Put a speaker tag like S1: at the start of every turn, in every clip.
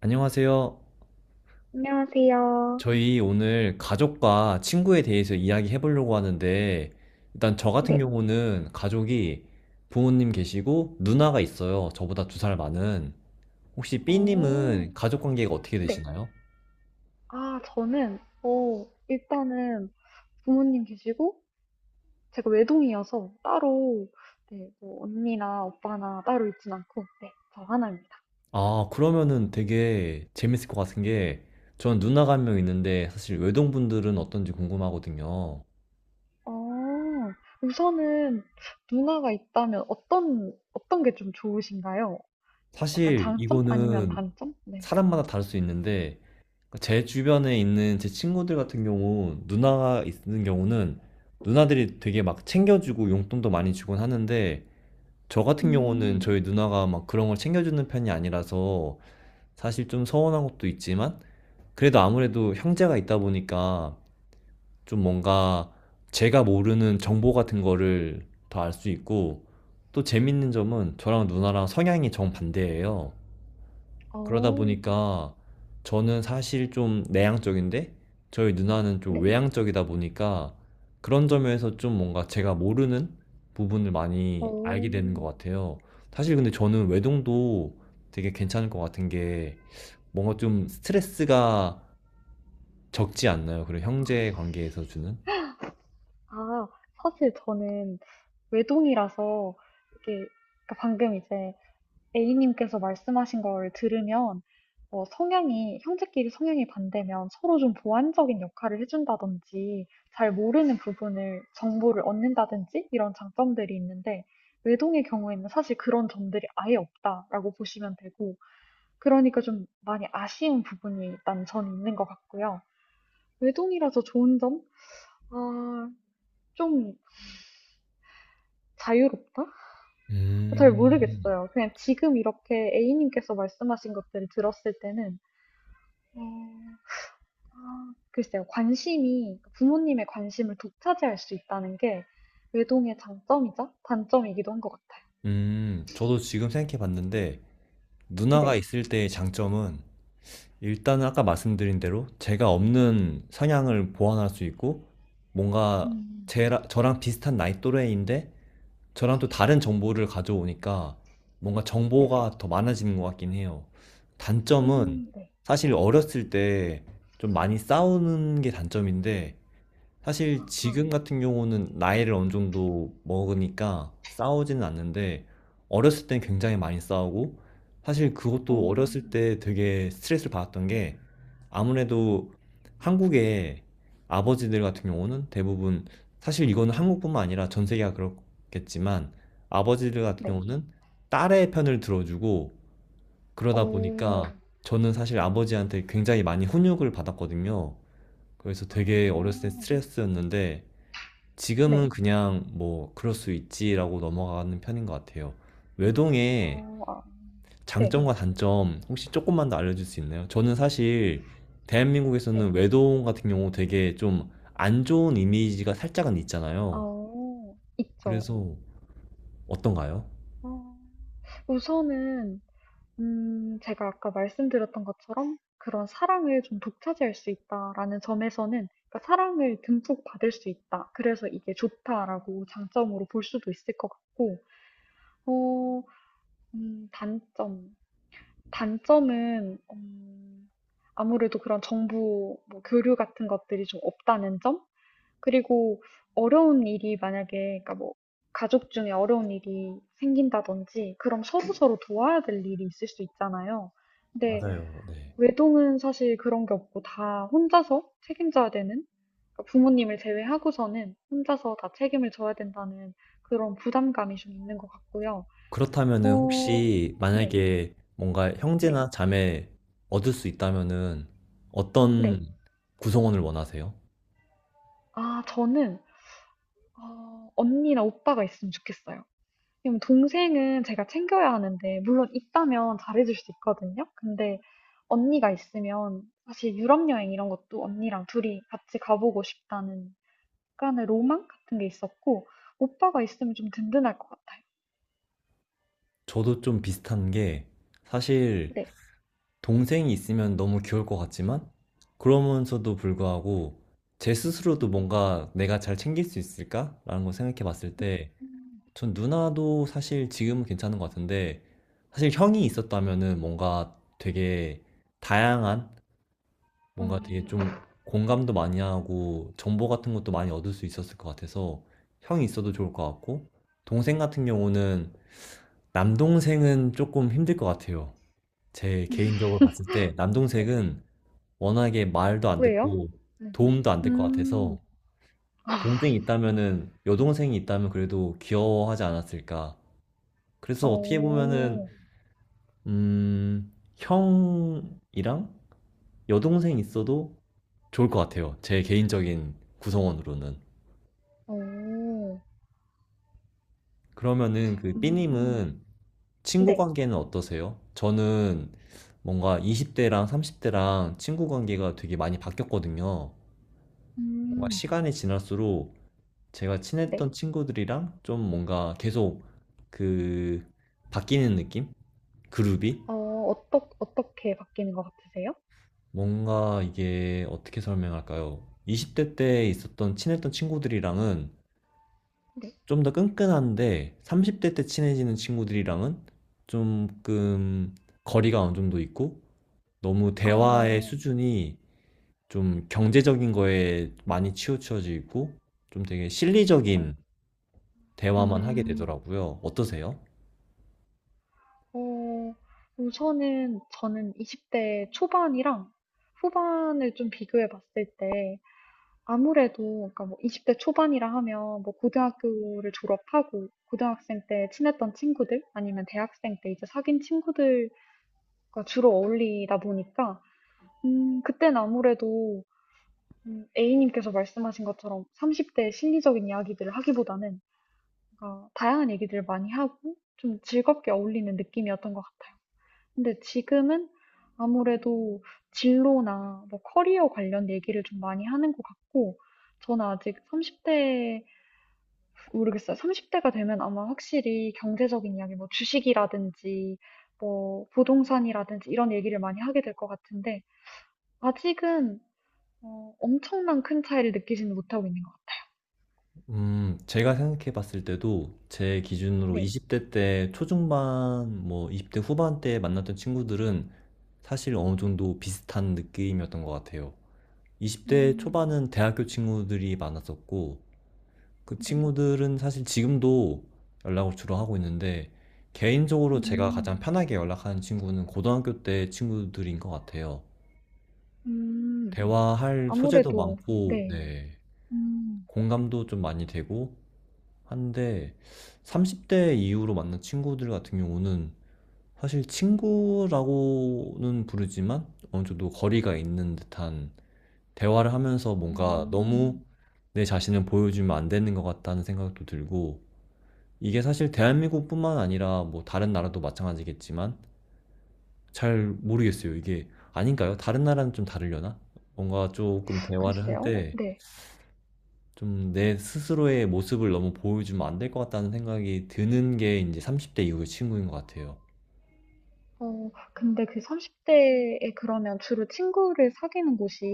S1: 안녕하세요.
S2: 안녕하세요.
S1: 저희 오늘 가족과 친구에 대해서 이야기해 보려고 하는데, 일단 저 같은
S2: 네.
S1: 경우는 가족이 부모님 계시고 누나가 있어요. 저보다 2살 많은. 혹시
S2: 오,
S1: B님은 가족 관계가 어떻게
S2: 네.
S1: 되시나요?
S2: 저는 일단은 부모님 계시고, 제가 외동이어서 따로, 네, 뭐, 언니나 오빠나 따로 있진 않고, 네, 저 하나입니다.
S1: 아, 그러면은 되게 재밌을 것 같은 게, 전 누나가 한 명 있는데, 사실 외동분들은 어떤지 궁금하거든요.
S2: 어, 우선은 누나가 있다면 어떤 게 좀 좋으신가요? 약간
S1: 사실
S2: 장점? 아니면
S1: 이거는
S2: 단점? 네.
S1: 사람마다 다를 수 있는데, 제 주변에 있는 제 친구들 같은 경우 누나가 있는 경우는 누나들이 되게 막 챙겨주고 용돈도 많이 주곤 하는데, 저 같은 경우는
S2: 음.
S1: 저희 누나가 막 그런 걸 챙겨주는 편이 아니라서 사실 좀 서운한 것도 있지만, 그래도 아무래도 형제가 있다 보니까 좀 뭔가 제가 모르는 정보 같은 거를 더 알 수 있고, 또 재밌는 점은 저랑 누나랑 성향이 정반대예요. 그러다
S2: 어.
S1: 보니까 저는 사실 좀 내향적인데 저희 누나는 좀
S2: 네.
S1: 외향적이다 보니까, 그런 점에서 좀 뭔가 제가 모르는 부분을
S2: 오.
S1: 많이 알게 되는 것 같아요. 사실 근데 저는 외동도 되게 괜찮을 것 같은 게, 뭔가 좀 스트레스가 적지 않나요? 그리고 형제 관계에서 주는?
S2: 아, 사실 저는 외동이라서 이게 그러니까 방금 이제 A님께서 말씀하신 걸 들으면 성향이 형제끼리 성향이 반대면 서로 좀 보완적인 역할을 해준다든지 잘 모르는 부분을 정보를 얻는다든지 이런 장점들이 있는데 외동의 경우에는 사실 그런 점들이 아예 없다라고 보시면 되고 그러니까 좀 많이 아쉬운 부분이 일단 전 있는 것 같고요. 외동이라서 좋은 점? 아, 좀 자유롭다? 잘
S1: 음,
S2: 모르겠어요. 그냥 지금 이렇게 A님께서 말씀하신 것들을 들었을 때는 음, 아, 글쎄요, 관심이 부모님의 관심을 독차지할 수 있다는 게 외동의 장점이자 단점이기도 한 것 같아요.
S1: 저도 지금 생각해 봤는데, 누나가
S2: 네.
S1: 있을 때의 장점은 일단은 아까 말씀드린 대로 제가 없는 성향을 보완할 수 있고, 뭔가
S2: 음.
S1: 제 저랑 비슷한 나이 또래인데 저랑 또 다른 정보를 가져오니까 뭔가
S2: 네.
S1: 정보가 더 많아지는 것 같긴 해요. 단점은
S2: 음. 네.
S1: 사실 어렸을 때 좀 많이 싸우는 게 단점인데, 사실
S2: 아.
S1: 지금 같은 경우는 나이를 어느 정도 먹으니까 싸우지는 않는데 어렸을 땐 굉장히 많이 싸우고, 사실
S2: 어.
S1: 그것도 어렸을 때 되게 스트레스를 받았던 게, 아무래도 한국의 아버지들 같은 경우는 대부분, 사실 이거는 한국뿐만 아니라 전 세계가 그렇겠지만, 아버지들 같은
S2: 네.
S1: 경우는 딸의 편을 들어주고, 그러다
S2: 어.
S1: 보니까 저는 사실 아버지한테 굉장히 많이 훈육을 받았거든요. 그래서
S2: 아.
S1: 되게 어렸을 때 스트레스였는데, 지금은
S2: 네.
S1: 그냥 뭐 그럴 수 있지라고 넘어가는 편인 것 같아요. 외동의
S2: 어. 아. 네.
S1: 장점과 단점 혹시 조금만 더 알려줄 수 있나요? 저는 사실
S2: 네.
S1: 대한민국에서는 외동 같은 경우 되게 좀 안 좋은 이미지가 살짝은 있잖아요.
S2: 어, 있죠.
S1: 그래서 어떤가요?
S2: 어, 우선은 제가 아까 말씀드렸던 것처럼 그런 사랑을 좀 독차지할 수 있다라는 점에서는 그러니까 사랑을 듬뿍 받을 수 있다. 그래서 이게 좋다라고 장점으로 볼 수도 있을 것 같고, 어. 음. 단점. 단점은 아무래도 그런 정보, 뭐 교류 같은 것들이 좀 없다는 점? 그리고 어려운 일이 만약에, 그러니까 뭐, 가족 중에 어려운 일이 생긴다든지, 그럼 서로서로 도와야 될 일이 있을 수 있잖아요. 근데
S1: 맞아요. 네.
S2: 외동은 사실 그런 게 없고 다 혼자서 책임져야 되는, 그러니까 부모님을 제외하고서는 혼자서 다 책임을 져야 된다는 그런 부담감이 좀 있는 것 같고요.
S1: 그렇다면은
S2: 어.
S1: 혹시
S2: 네.
S1: 만약에 뭔가
S2: 네.
S1: 형제나 자매 얻을 수 있다면은
S2: 네.
S1: 어떤 구성원을 원하세요?
S2: 아, 저는, 언니나 오빠가 있으면 좋겠어요. 왜냐면 동생은 제가 챙겨야 하는데, 물론 있다면 잘해줄 수 있거든요. 근데 언니가 있으면 사실 유럽 여행 이런 것도 언니랑 둘이 같이 가보고 싶다는 약간의 로망 같은 게 있었고 오빠가 있으면 좀 든든할 것 같아요.
S1: 저도 좀 비슷한 게, 사실
S2: 네.
S1: 동생이 있으면 너무 귀여울 것 같지만 그러면서도 불구하고 제 스스로도 뭔가 내가 잘 챙길 수 있을까라는 걸 생각해 봤을 때
S2: 음.
S1: 전 누나도 사실 지금은 괜찮은 것 같은데, 사실 형이 있었다면은 다양한 뭔가 되게
S2: 음.
S1: 좀 공감도 많이 하고 정보 같은 것도 많이 얻을 수 있었을 것 같아서 형이 있어도 좋을 것 같고, 동생 같은 경우는 남동생은 조금 힘들 것 같아요. 제 개인적으로 봤을 때
S2: 네.
S1: 남동생은 워낙에 말도 안
S2: 왜요?
S1: 듣고
S2: 네.
S1: 도움도 안 될 것
S2: 음.
S1: 같아서, 동생이 있다면은 여동생이 있다면 그래도 귀여워하지 않았을까. 그래서 어떻게
S2: 어.
S1: 보면은 음, 형이랑 여동생 있어도 좋을 것 같아요. 제 개인적인 구성원으로는.
S2: 어.
S1: 그러면은 그
S2: 음.
S1: 삐님은 친구
S2: 네.
S1: 관계는 어떠세요? 저는 뭔가 20대랑 30대랑 친구 관계가 되게 많이 바뀌었거든요. 뭔가
S2: 음.
S1: 시간이 지날수록 제가
S2: 네.
S1: 친했던 친구들이랑 좀 뭔가 계속 그 바뀌는 느낌? 그룹이?
S2: 어, 어떻게 바뀌는 것 같으세요?
S1: 뭔가 이게 어떻게 설명할까요? 20대 때 있었던 친했던 친구들이랑은
S2: 네.
S1: 좀 더 끈끈한데 30대 때 친해지는 친구들이랑은 조금 거리가 어느 정도 있고, 너무 대화의
S2: 어.
S1: 수준이 좀 경제적인 거에 많이 치우쳐지고 좀 되게
S2: 어.
S1: 실리적인 대화만 하게
S2: 음.
S1: 되더라고요. 어떠세요?
S2: 어, 우선은 저는 20대 초반이랑 후반을 좀 비교해 봤을 때 아무래도 그러니까 뭐 20대 초반이라 하면 뭐 고등학교를 졸업하고 고등학생 때 친했던 친구들 아니면 대학생 때 이제 사귄 친구들과 주로 어울리다 보니까 그땐 아무래도 A님께서 말씀하신 것처럼 30대의 실리적인 이야기들을 하기보다는 뭔가 다양한 얘기들을 많이 하고 좀 즐겁게 어울리는 느낌이었던 것 같아요. 근데 지금은 아무래도 진로나 뭐 커리어 관련 얘기를 좀 많이 하는 것 같고 저는 아직 30대 모르겠어요. 30대가 되면 아마 확실히 경제적인 이야기, 뭐 주식이라든지, 뭐 부동산이라든지 이런 얘기를 많이 하게 될 것 같은데, 아직은 엄청난 큰 차이를 느끼지는 못하고 있는 것 같아요.
S1: 제가 생각해 봤을 때도 제 기준으로
S2: 네.
S1: 20대 때 초중반, 뭐 20대 후반 때 만났던 친구들은 사실 어느 정도 비슷한 느낌이었던 것 같아요. 20대
S2: 음.
S1: 초반은 대학교 친구들이 많았었고, 그
S2: 네.
S1: 친구들은 사실 지금도 연락을 주로 하고 있는데, 개인적으로 제가
S2: 음.
S1: 가장 편하게 연락하는 친구는 고등학교 때 친구들인 것 같아요.
S2: 음.
S1: 대화할 소재도
S2: 아무래도.
S1: 많고,
S2: 네.
S1: 네,
S2: 음.
S1: 공감도 좀 많이 되고, 한데 30대 이후로 만난 친구들 같은 경우는 사실 친구라고는 부르지만 어느 정도 거리가 있는 듯한 대화를 하면서, 뭔가
S2: 음.
S1: 너무 내 자신을 보여주면 안 되는 것 같다는 생각도 들고, 이게 사실 대한민국뿐만 아니라 뭐 다른 나라도 마찬가지겠지만 잘 모르겠어요. 이게 아닌가요? 다른 나라는 좀 다르려나? 뭔가 조금 대화를 할
S2: 글쎄요.
S1: 때
S2: 네.
S1: 좀 내 스스로의 모습을 너무 보여주면 안 될 것 같다는 생각이 드는 게 이제30대 이후의 친구인 것 같아요.
S2: 어, 근데 그 30대에 그러면 주로 친구를 사귀는 곳이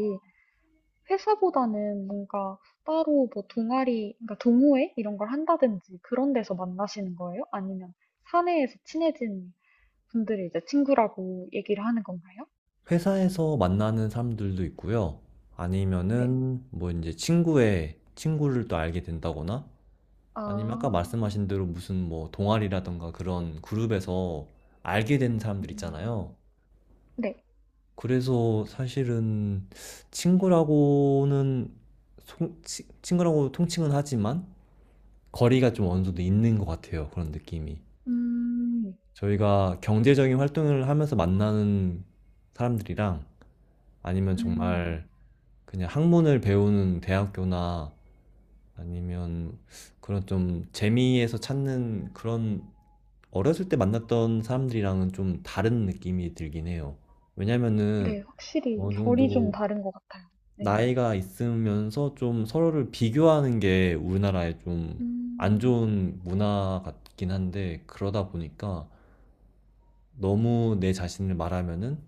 S2: 회사보다는 뭔가 따로 뭐 동아리, 그러니까 동호회 이런 걸 한다든지 그런 데서 만나시는 거예요? 아니면 사내에서 친해진 분들이 이제 친구라고 얘기를 하는 건가요?
S1: 회사에서 만나는 사람들도 있고요.
S2: 네.
S1: 아니면은 뭐 이제 친구의 친구를 또 알게 된다거나,
S2: 아.
S1: 아니면 아까 말씀하신 대로 무슨 뭐 동아리라든가 그런 그룹에서 알게 된 사람들
S2: 음.
S1: 있잖아요.
S2: 네.
S1: 그래서 사실은 친구라고는, 송 치 친구라고 통칭은 하지만 거리가 좀 어느 정도 있는 것 같아요, 그런 느낌이.
S2: 음.
S1: 저희가 경제적인 활동을 하면서 만나는 사람들이랑, 아니면
S2: 음.
S1: 정말 그냥 학문을 배우는 대학교나 아니면 그런 좀 재미에서 찾는, 그런 어렸을 때 만났던 사람들이랑은 좀 다른 느낌이 들긴 해요.
S2: 네.
S1: 왜냐면은
S2: 확실히
S1: 어느
S2: 결이 좀
S1: 정도
S2: 다른 것 같아요. 네.
S1: 나이가 있으면서 좀 서로를 비교하는 게 우리나라의 좀 안
S2: 음,
S1: 좋은 문화 같긴 한데, 그러다 보니까 너무 내 자신을 말하면은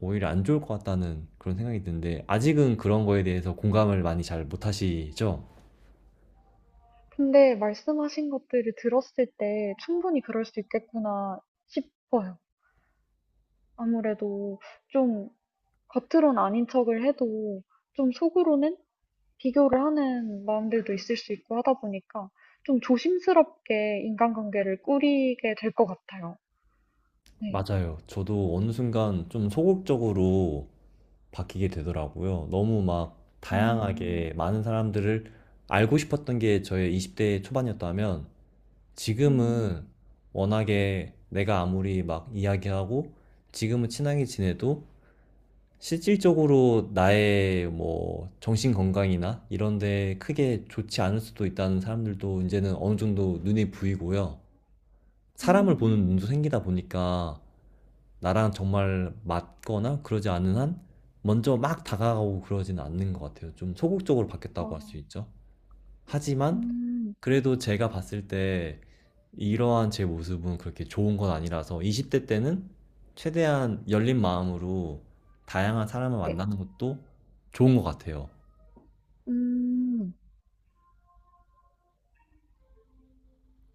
S1: 오히려 안 좋을 것 같다는 그런 생각이 드는데, 아직은 그런 거에 대해서 공감을 많이 잘 못 하시죠?
S2: 근데 말씀하신 것들을 들었을 때 충분히 그럴 수 있겠구나 싶어요. 아무래도 좀 겉으론 아닌 척을 해도 좀 속으로는 비교를 하는 마음들도 있을 수 있고 하다 보니까 좀 조심스럽게 인간관계를 꾸리게 될 것 같아요. 네.
S1: 맞아요. 저도 어느 순간 좀 소극적으로 바뀌게 되더라고요. 너무 막
S2: 음.
S1: 다양하게 많은 사람들을 알고 싶었던 게 저의 20대 초반이었다면,
S2: 음.
S1: 지금은 워낙에 내가 아무리 막 이야기하고 지금은 친하게 지내도 실질적으로 나의 뭐 정신 건강이나 이런 데 크게 좋지 않을 수도 있다는 사람들도 이제는 어느 정도 눈에 보이고요. 사람을 보는
S2: 음.
S1: 눈도 생기다 보니까 나랑 정말 맞거나 그러지 않은 한 먼저 막 다가가고 그러지는 않는 것 같아요. 좀 소극적으로 바뀌었다고
S2: 어.
S1: 할 수 있죠. 하지만
S2: 음.
S1: 그래도 제가 봤을 때 이러한 제 모습은 그렇게 좋은 건 아니라서, 20대 때는 최대한 열린 마음으로 다양한 사람을
S2: 네.
S1: 만나는 것도 좋은 것 같아요.
S2: 음.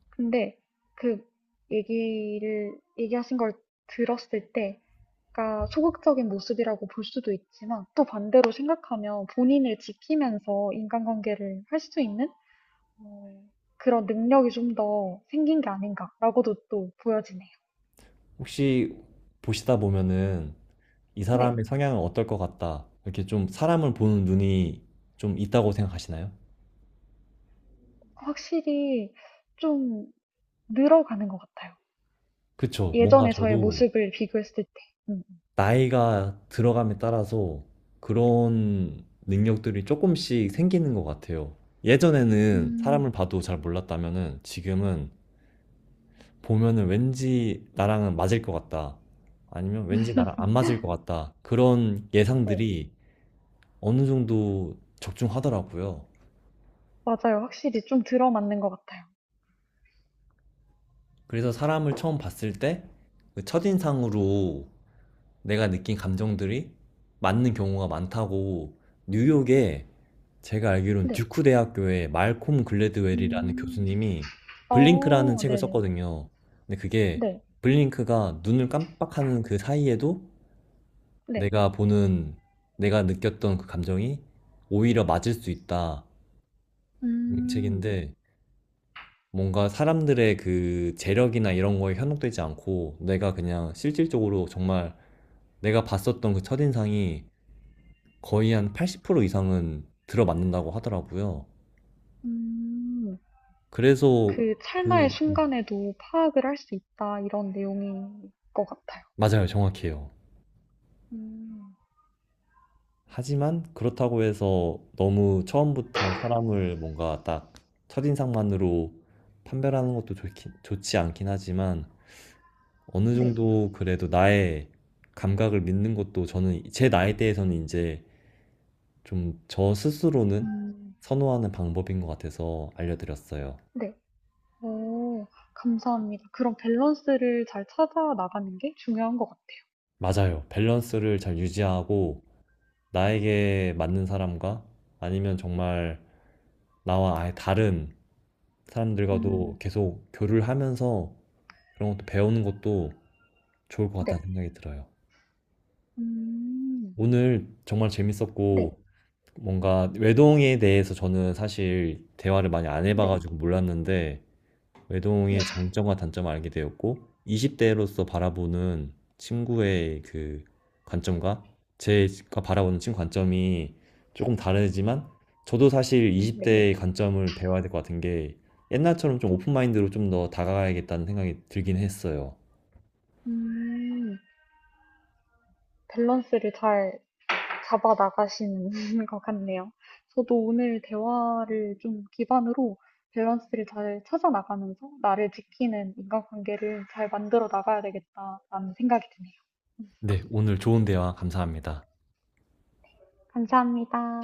S2: 근데 그 얘기하신 걸 들었을 때, 그러니까 소극적인 모습이라고 볼 수도 있지만, 또 반대로 생각하면 본인을 지키면서 인간관계를 할 수 있는 어, 그런 능력이 좀 더 생긴 게 아닌가라고도 또 보여지네요.
S1: 혹시 보시다 보면은 이
S2: 근데
S1: 사람의 성향은 어떨 것 같다, 이렇게 좀 사람을 보는 눈이 좀 있다고 생각하시나요?
S2: 확실히 좀 늘어가는 것 같아요.
S1: 그쵸. 뭔가
S2: 예전에 저의
S1: 저도
S2: 모습을 비교했을 때. 음.
S1: 나이가 들어감에 따라서 그런 능력들이 조금씩 생기는 것 같아요. 예전에는
S2: 음.
S1: 사람을 봐도 잘 몰랐다면은 지금은 보면은 왠지 나랑은 맞을 것 같다, 아니면 왠지 나랑 안 맞을 것 같다, 그런
S2: 네.
S1: 예상들이 어느 정도 적중하더라고요.
S2: 맞아요. 확실히 좀 들어맞는 것 같아요.
S1: 그래서 사람을 처음 봤을 때 그 첫인상으로 내가 느낀 감정들이 맞는 경우가 많다고, 뉴욕에, 제가 알기로는
S2: 네.
S1: 듀크 대학교의 말콤 글래드웰이라는
S2: 음.
S1: 교수님이 블링크라는
S2: 어,
S1: 책을
S2: 네네.
S1: 썼거든요. 근데 그게,
S2: 네.
S1: 블링크가 눈을 깜빡하는 그 사이에도
S2: 네.
S1: 내가 보는 내가 느꼈던 그 감정이 오히려 맞을 수 있다, 이
S2: 음.
S1: 책인데, 뭔가 사람들의 그 재력이나 이런 거에 현혹되지 않고 내가 그냥 실질적으로 정말 내가 봤었던 그 첫인상이 거의 한 80% 이상은 들어맞는다고 하더라고요.
S2: 음.
S1: 그래서
S2: 그 찰나의
S1: 그,
S2: 순간에도 파악을 할 수 있다. 이런 내용인 것 같아요.
S1: 맞아요. 정확해요.
S2: 음.
S1: 하지만 그렇다고 해서 너무 처음부터 사람을 뭔가 딱 첫인상만으로 판별하는 것도 좋지 않긴 하지만, 어느
S2: 네.
S1: 정도 그래도 나의 감각을 믿는 것도 저는 제 나이대에서는 이제 좀 저 스스로는
S2: 음.
S1: 선호하는 방법인 것 같아서 알려드렸어요.
S2: 네. 오, 감사합니다. 그런 밸런스를 잘 찾아 나가는 게 중요한 것 같아요.
S1: 맞아요. 밸런스를 잘
S2: 네.
S1: 유지하고 나에게 맞는 사람과, 아니면 정말 나와 아예 다른 사람들과도
S2: 음.
S1: 계속 교류를 하면서 그런 것도 배우는 것도 좋을 것
S2: 네.
S1: 같다는 생각이 들어요.
S2: 음.
S1: 오늘 정말
S2: 네.
S1: 재밌었고, 뭔가 외동에 대해서 저는 사실 대화를 많이 안
S2: 네.
S1: 해봐가지고 몰랐는데
S2: 네.
S1: 외동의 장점과 단점을 알게 되었고, 20대로서 바라보는 친구의 그 관점과 제가 바라보는 친구 관점이 조금 다르지만, 저도 사실
S2: 네.
S1: 20대의 관점을 배워야 될 것 같은 게, 옛날처럼 좀 오픈마인드로 좀 더 다가가야겠다는 생각이 들긴 했어요.
S2: 음, 밸런스를 잘 잡아 나가시는 것 같네요. 저도 오늘 대화를 좀 기반으로 밸런스를 잘 찾아 나가면서 나를 지키는 인간관계를 잘 만들어 나가야 되겠다라는 생각이 드네요.
S1: 네, 오늘 좋은 대화 감사합니다.
S2: 감사합니다.